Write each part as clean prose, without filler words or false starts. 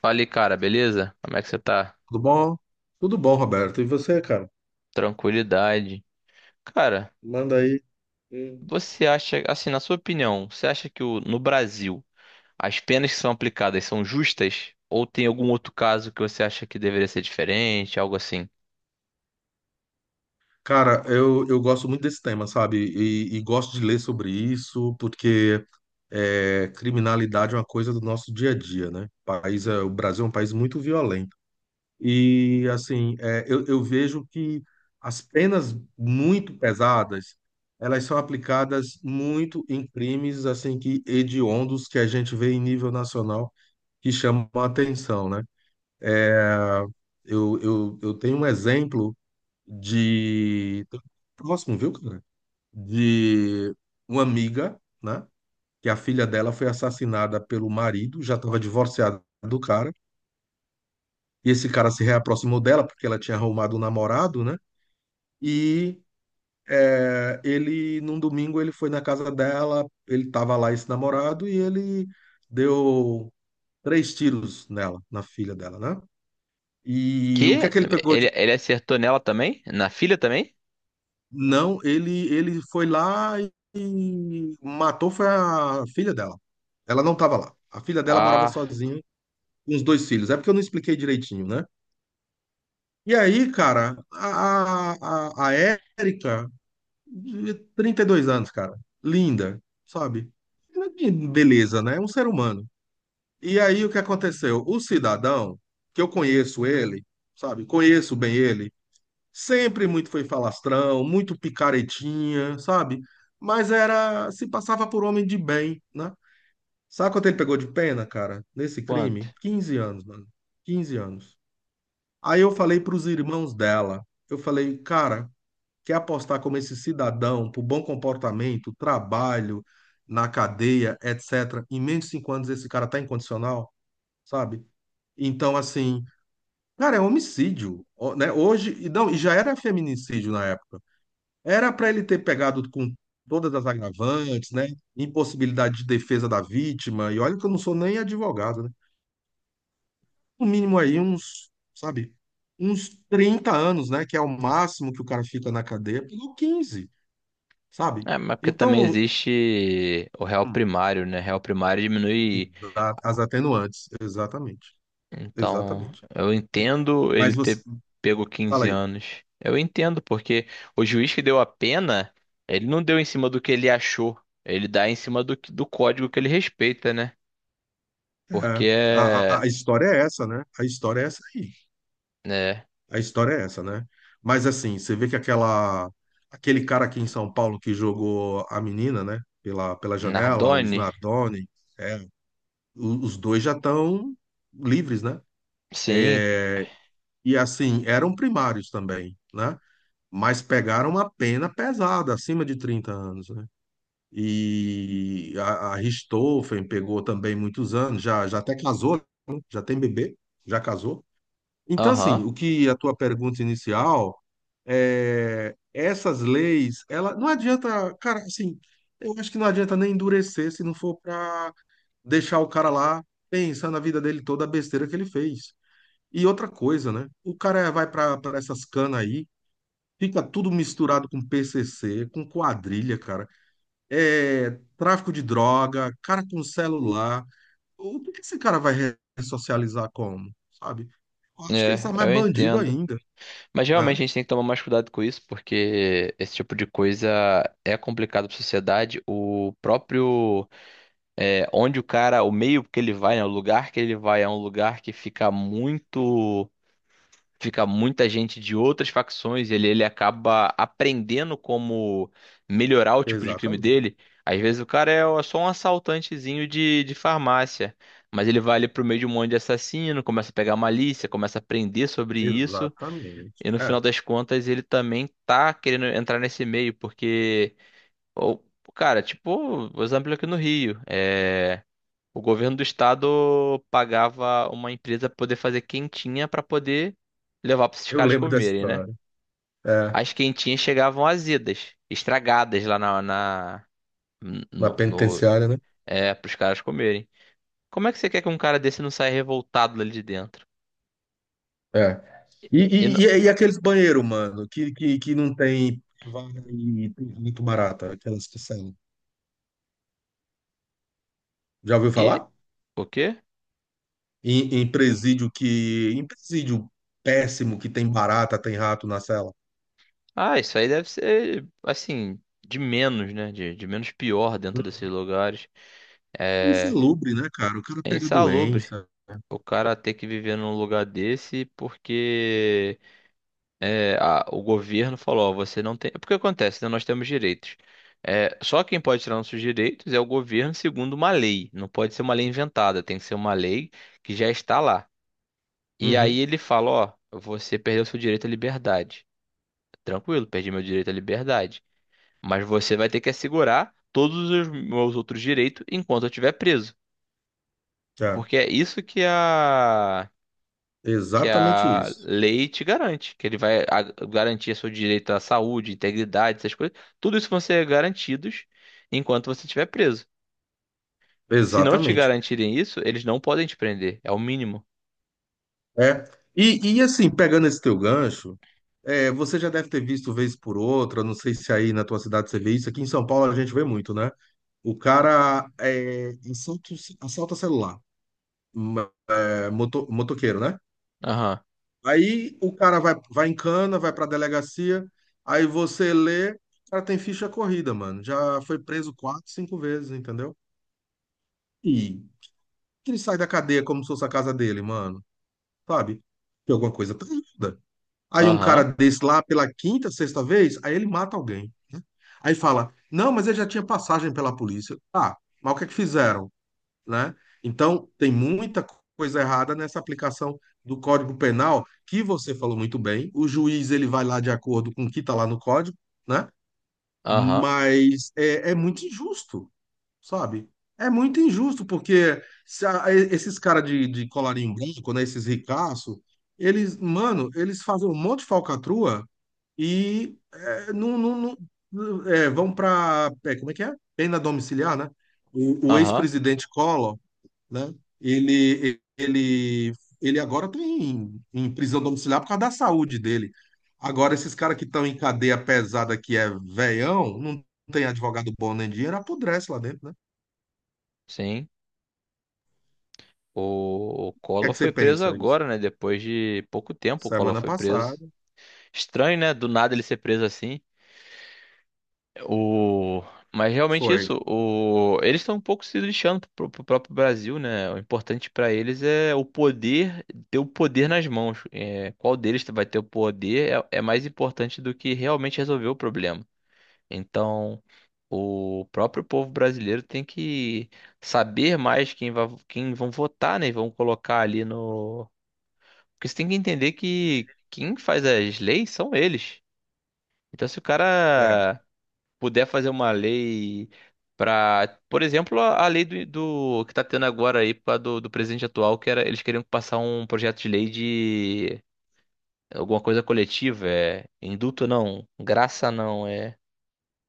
Fala aí, cara, beleza? Como é que você tá? Tudo bom? Tudo bom, Roberto. E você, cara? Tranquilidade. Cara, Manda aí. Hum. você acha, assim, na sua opinião, você acha que no Brasil as penas que são aplicadas são justas? Ou tem algum outro caso que você acha que deveria ser diferente, algo assim? Cara, eu gosto muito desse tema, sabe? E gosto de ler sobre isso, porque criminalidade é uma coisa do nosso dia a dia, né? O Brasil é um país muito violento. E, assim, eu vejo que as penas muito pesadas, elas são aplicadas muito em crimes, assim, que hediondos que a gente vê em nível nacional, que chamam a atenção, né? É, eu tenho um exemplo de. próximo, viu, cara? De uma amiga, né? Que a filha dela foi assassinada pelo marido, já estava divorciada do cara. E esse cara se reaproximou dela porque ela tinha arrumado um namorado, né? E ele, num domingo, ele foi na casa dela, ele estava lá, esse namorado, e ele deu três tiros nela, na filha dela, né? E o que é Que? que ele pegou? Ele acertou nela também? Na filha também? Não, ele foi lá e matou foi a filha dela. Ela não estava lá. A filha dela morava Ah, sozinha com os dois filhos. É porque eu não expliquei direitinho, né? E aí, cara, a Érica, de 32 anos, cara, linda, sabe? Beleza, né? É um ser humano. E aí, o que aconteceu? O cidadão, que eu conheço ele, sabe? Conheço bem ele, sempre muito foi falastrão, muito picaretinha, sabe? Mas era, se passava por homem de bem, né? Sabe quanto ele pegou de pena, cara, nesse quanto? crime? 15 anos, mano. 15 anos. Aí eu falei pros irmãos dela, eu falei, cara, quer apostar como esse cidadão pro bom comportamento, trabalho, na cadeia, etc.? Em menos de 5 anos esse cara tá incondicional, sabe? Então, assim, cara, é homicídio, ó, né? Hoje, e não, e já era feminicídio na época. Era para ele ter pegado com todas as agravantes, né? Impossibilidade de defesa da vítima. E olha que eu não sou nem advogado, né? No mínimo aí uns, sabe, uns 30 anos, né? Que é o máximo que o cara fica na cadeia. Pegou 15, sabe? É, mas porque também Então, existe o réu hum, primário, né? Réu primário diminui. As atenuantes, exatamente. Então, Exatamente. eu entendo ele Mas você, ter pego fala 15 aí. anos. Eu entendo, porque o juiz que deu a pena, ele não deu em cima do que ele achou. Ele dá em cima do código que ele respeita, né? Porque É, a, a é. a história é essa, né? A história é essa aí. Né, A história é essa, né? Mas assim, você vê que aquela aquele cara aqui em São Paulo que jogou a menina, né? Pela janela, os Nardoni? Nardoni, é, os dois já estão livres, né? Sim, E assim, eram primários também, né? Mas pegaram uma pena pesada, acima de 30 anos, né? E a Richthofen pegou também muitos anos, já, já até casou, né? Já tem bebê, já casou. Então, assim, aham. o que a tua pergunta inicial. É, essas leis, ela não adianta, cara, assim, eu acho que não adianta nem endurecer se não for para deixar o cara lá pensando na vida dele toda a besteira que ele fez. E outra coisa, né? O cara vai para essas canas aí, fica tudo misturado com PCC, com quadrilha, cara. É, tráfico de droga, cara com celular. O que que esse cara vai ressocializar como, sabe? Eu acho que ele É, está mais eu bandido entendo. ainda, Mas realmente né? a gente tem que tomar mais cuidado com isso, porque esse tipo de coisa é complicado para a sociedade. O próprio. É, onde o cara, o meio que ele vai, né, o lugar que ele vai é um lugar que fica muito, fica muita gente de outras facções, ele acaba aprendendo como melhorar o tipo de crime Exatamente, dele. Às vezes o cara é só um assaltantezinho de farmácia, mas ele vai ali pro meio de um monte de assassino, começa a pegar malícia, começa a aprender sobre isso, exatamente. e no final É. das contas ele também tá querendo entrar nesse meio, porque, o- cara, tipo, o exemplo aqui no Rio, é. O governo do estado pagava uma empresa pra poder fazer quentinha pra poder levar pra esses Eu caras lembro dessa comerem, né? história. É, As quentinhas chegavam azidas, estragadas lá na na no, no penitenciária, né? é pros caras comerem. Como é que você quer que um cara desse não saia revoltado ali de dentro? É. E, E, e, não- e, e aqueles banheiros, mano, que não tem vaga e tem muito barata, aquelas que saem. Já ouviu e falar? o quê? Em presídio que. Em presídio péssimo que tem barata, tem rato na cela. Ah, isso aí deve ser assim de menos, né? De menos pior dentro desses Uhum. lugares. É, Insalubre, né, cara? O cara é pega insalubre doença. Né? o cara ter que viver num lugar desse porque é, o governo falou, ó, você não tem. É porque acontece, né? Nós temos direitos. É, só quem pode tirar nossos direitos é o governo segundo uma lei. Não pode ser uma lei inventada, tem que ser uma lei que já está lá. E Uhum. aí ele fala, ó, você perdeu seu direito à liberdade. Tranquilo, perdi meu direito à liberdade. Mas você vai ter que assegurar todos os meus outros direitos enquanto eu estiver preso. É. Porque é isso que Exatamente a isso. lei te garante, que garantir seu direito à saúde, integridade, essas coisas. Tudo isso vão ser garantidos enquanto você estiver preso. Se não te Exatamente. garantirem isso, eles não podem te prender. É o mínimo. É. E assim, pegando esse teu gancho. É, você já deve ter visto vez por outra, não sei se aí na tua cidade você vê isso. Aqui em São Paulo a gente vê muito, né? O cara é, assalta, assalta celular, m- é, moto, motoqueiro, né? Aham, Aí o cara vai em cana, vai pra delegacia, aí você lê, o cara tem ficha corrida, mano. Já foi preso quatro, cinco vezes, entendeu? E ele sai da cadeia como se fosse a casa dele, mano. Sabe? Tem alguma coisa tá errada. Aí um cara aham, desse lá, pela quinta, sexta vez, aí ele mata alguém. Né? Aí fala, não, mas ele já tinha passagem pela polícia. Ah, mas o que é que fizeram, né? Então, tem muita coisa errada nessa aplicação do Código Penal, que você falou muito bem. O juiz, ele vai lá de acordo com o que está lá no código, né? aham, Mas é, é muito injusto, sabe? É muito injusto, porque se a- esses caras de colarinho branco, né? Esses ricaços, eles, mano, eles fazem um monte de falcatrua e é, não, não- vão para, como é que é? Pena domiciliar, né? O ahã. ex-presidente Collor, né? Ele, ele, ele agora está em prisão domiciliar por causa da saúde dele. Agora, esses caras que estão em cadeia pesada, que é veião, não tem advogado bom nem dinheiro, apodrece lá dentro, né? Sim. O O que é Collor que foi você preso pensa isso? agora, né? Depois de pouco tempo, o Collor Semana foi preso. passada Estranho, né? Do nada ele ser preso assim. O... Mas realmente foi, isso, o... eles estão um pouco se lixando pro, pro próprio Brasil, né? O importante para eles é o poder, ter o poder nas mãos. É, qual deles vai ter o poder é, é mais importante do que realmente resolver o problema. Então, o próprio povo brasileiro tem que saber mais quem vai, quem vão votar, né? E vão colocar ali no. Porque você tem que entender que quem faz as leis são eles. Então, se o é, cara puder fazer uma lei para, por exemplo, a lei que tá tendo agora aí pra, do presidente atual, que era eles queriam passar um projeto de lei de alguma coisa coletiva, é indulto não, graça não, é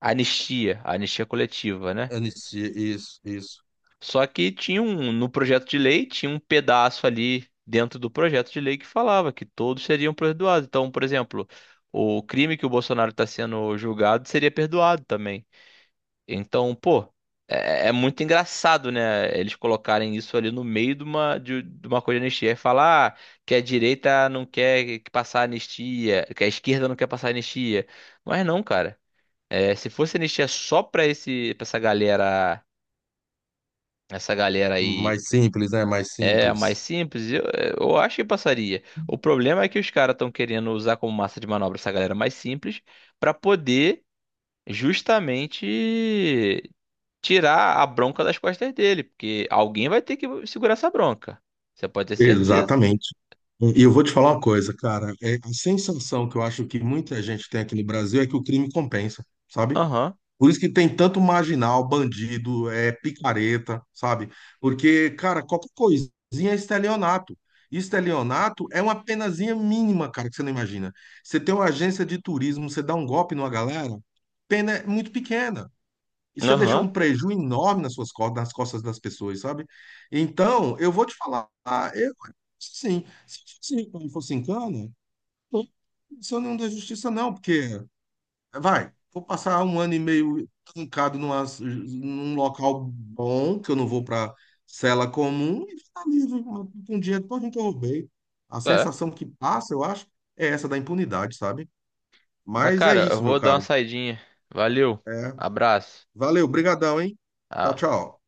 anistia, anistia coletiva, né? anistia, isso, isso. Só que tinha um no projeto de lei tinha um pedaço ali dentro do projeto de lei que falava que todos seriam perdoados. Então, por exemplo, o crime que o Bolsonaro está sendo julgado seria perdoado também. Então, pô, é, é muito engraçado, né? Eles colocarem isso ali no meio de uma, de uma coisa de anistia e falar ah, que a direita não quer que passar anistia, que a esquerda não quer passar anistia. Mas não, cara. É, se fosse anistia só pra esse, pra essa galera aí Mais simples, né? Mais é mais simples. simples, eu acho que passaria. O problema é que os caras estão querendo usar como massa de manobra essa galera mais simples pra poder justamente tirar a bronca das costas dele, porque alguém vai ter que segurar essa bronca. Você pode ter certeza. Exatamente. E eu vou te falar uma coisa, cara. É, a sensação que eu acho que muita gente tem aqui no Brasil é que o crime compensa, sabe? Aham, Por isso que tem tanto marginal, bandido, é picareta, sabe? Porque, cara, qualquer coisinha é estelionato. Estelionato é uma penazinha mínima, cara, que você não imagina. Você tem uma agência de turismo, você dá um golpe numa galera, pena é muito pequena. E você deixou um aham. prejuízo enorme nas suas costas, nas costas das pessoas, sabe? Então, eu vou te falar, ah, eu, sim, se eu fosse em cana, não sou nenhum da justiça, não, porque, vai, vou passar um ano e meio trancado numa, num local bom, que eu não vou para cela comum, e ficar livre com o dinheiro todo que eu roubei. A É. sensação que passa, eu acho, é essa da impunidade, sabe? Mas, Mas é cara, eu isso, meu vou dar uma caro. saidinha. Valeu. É, Abraço. valeu, brigadão, hein? Tchau, Ah. tchau.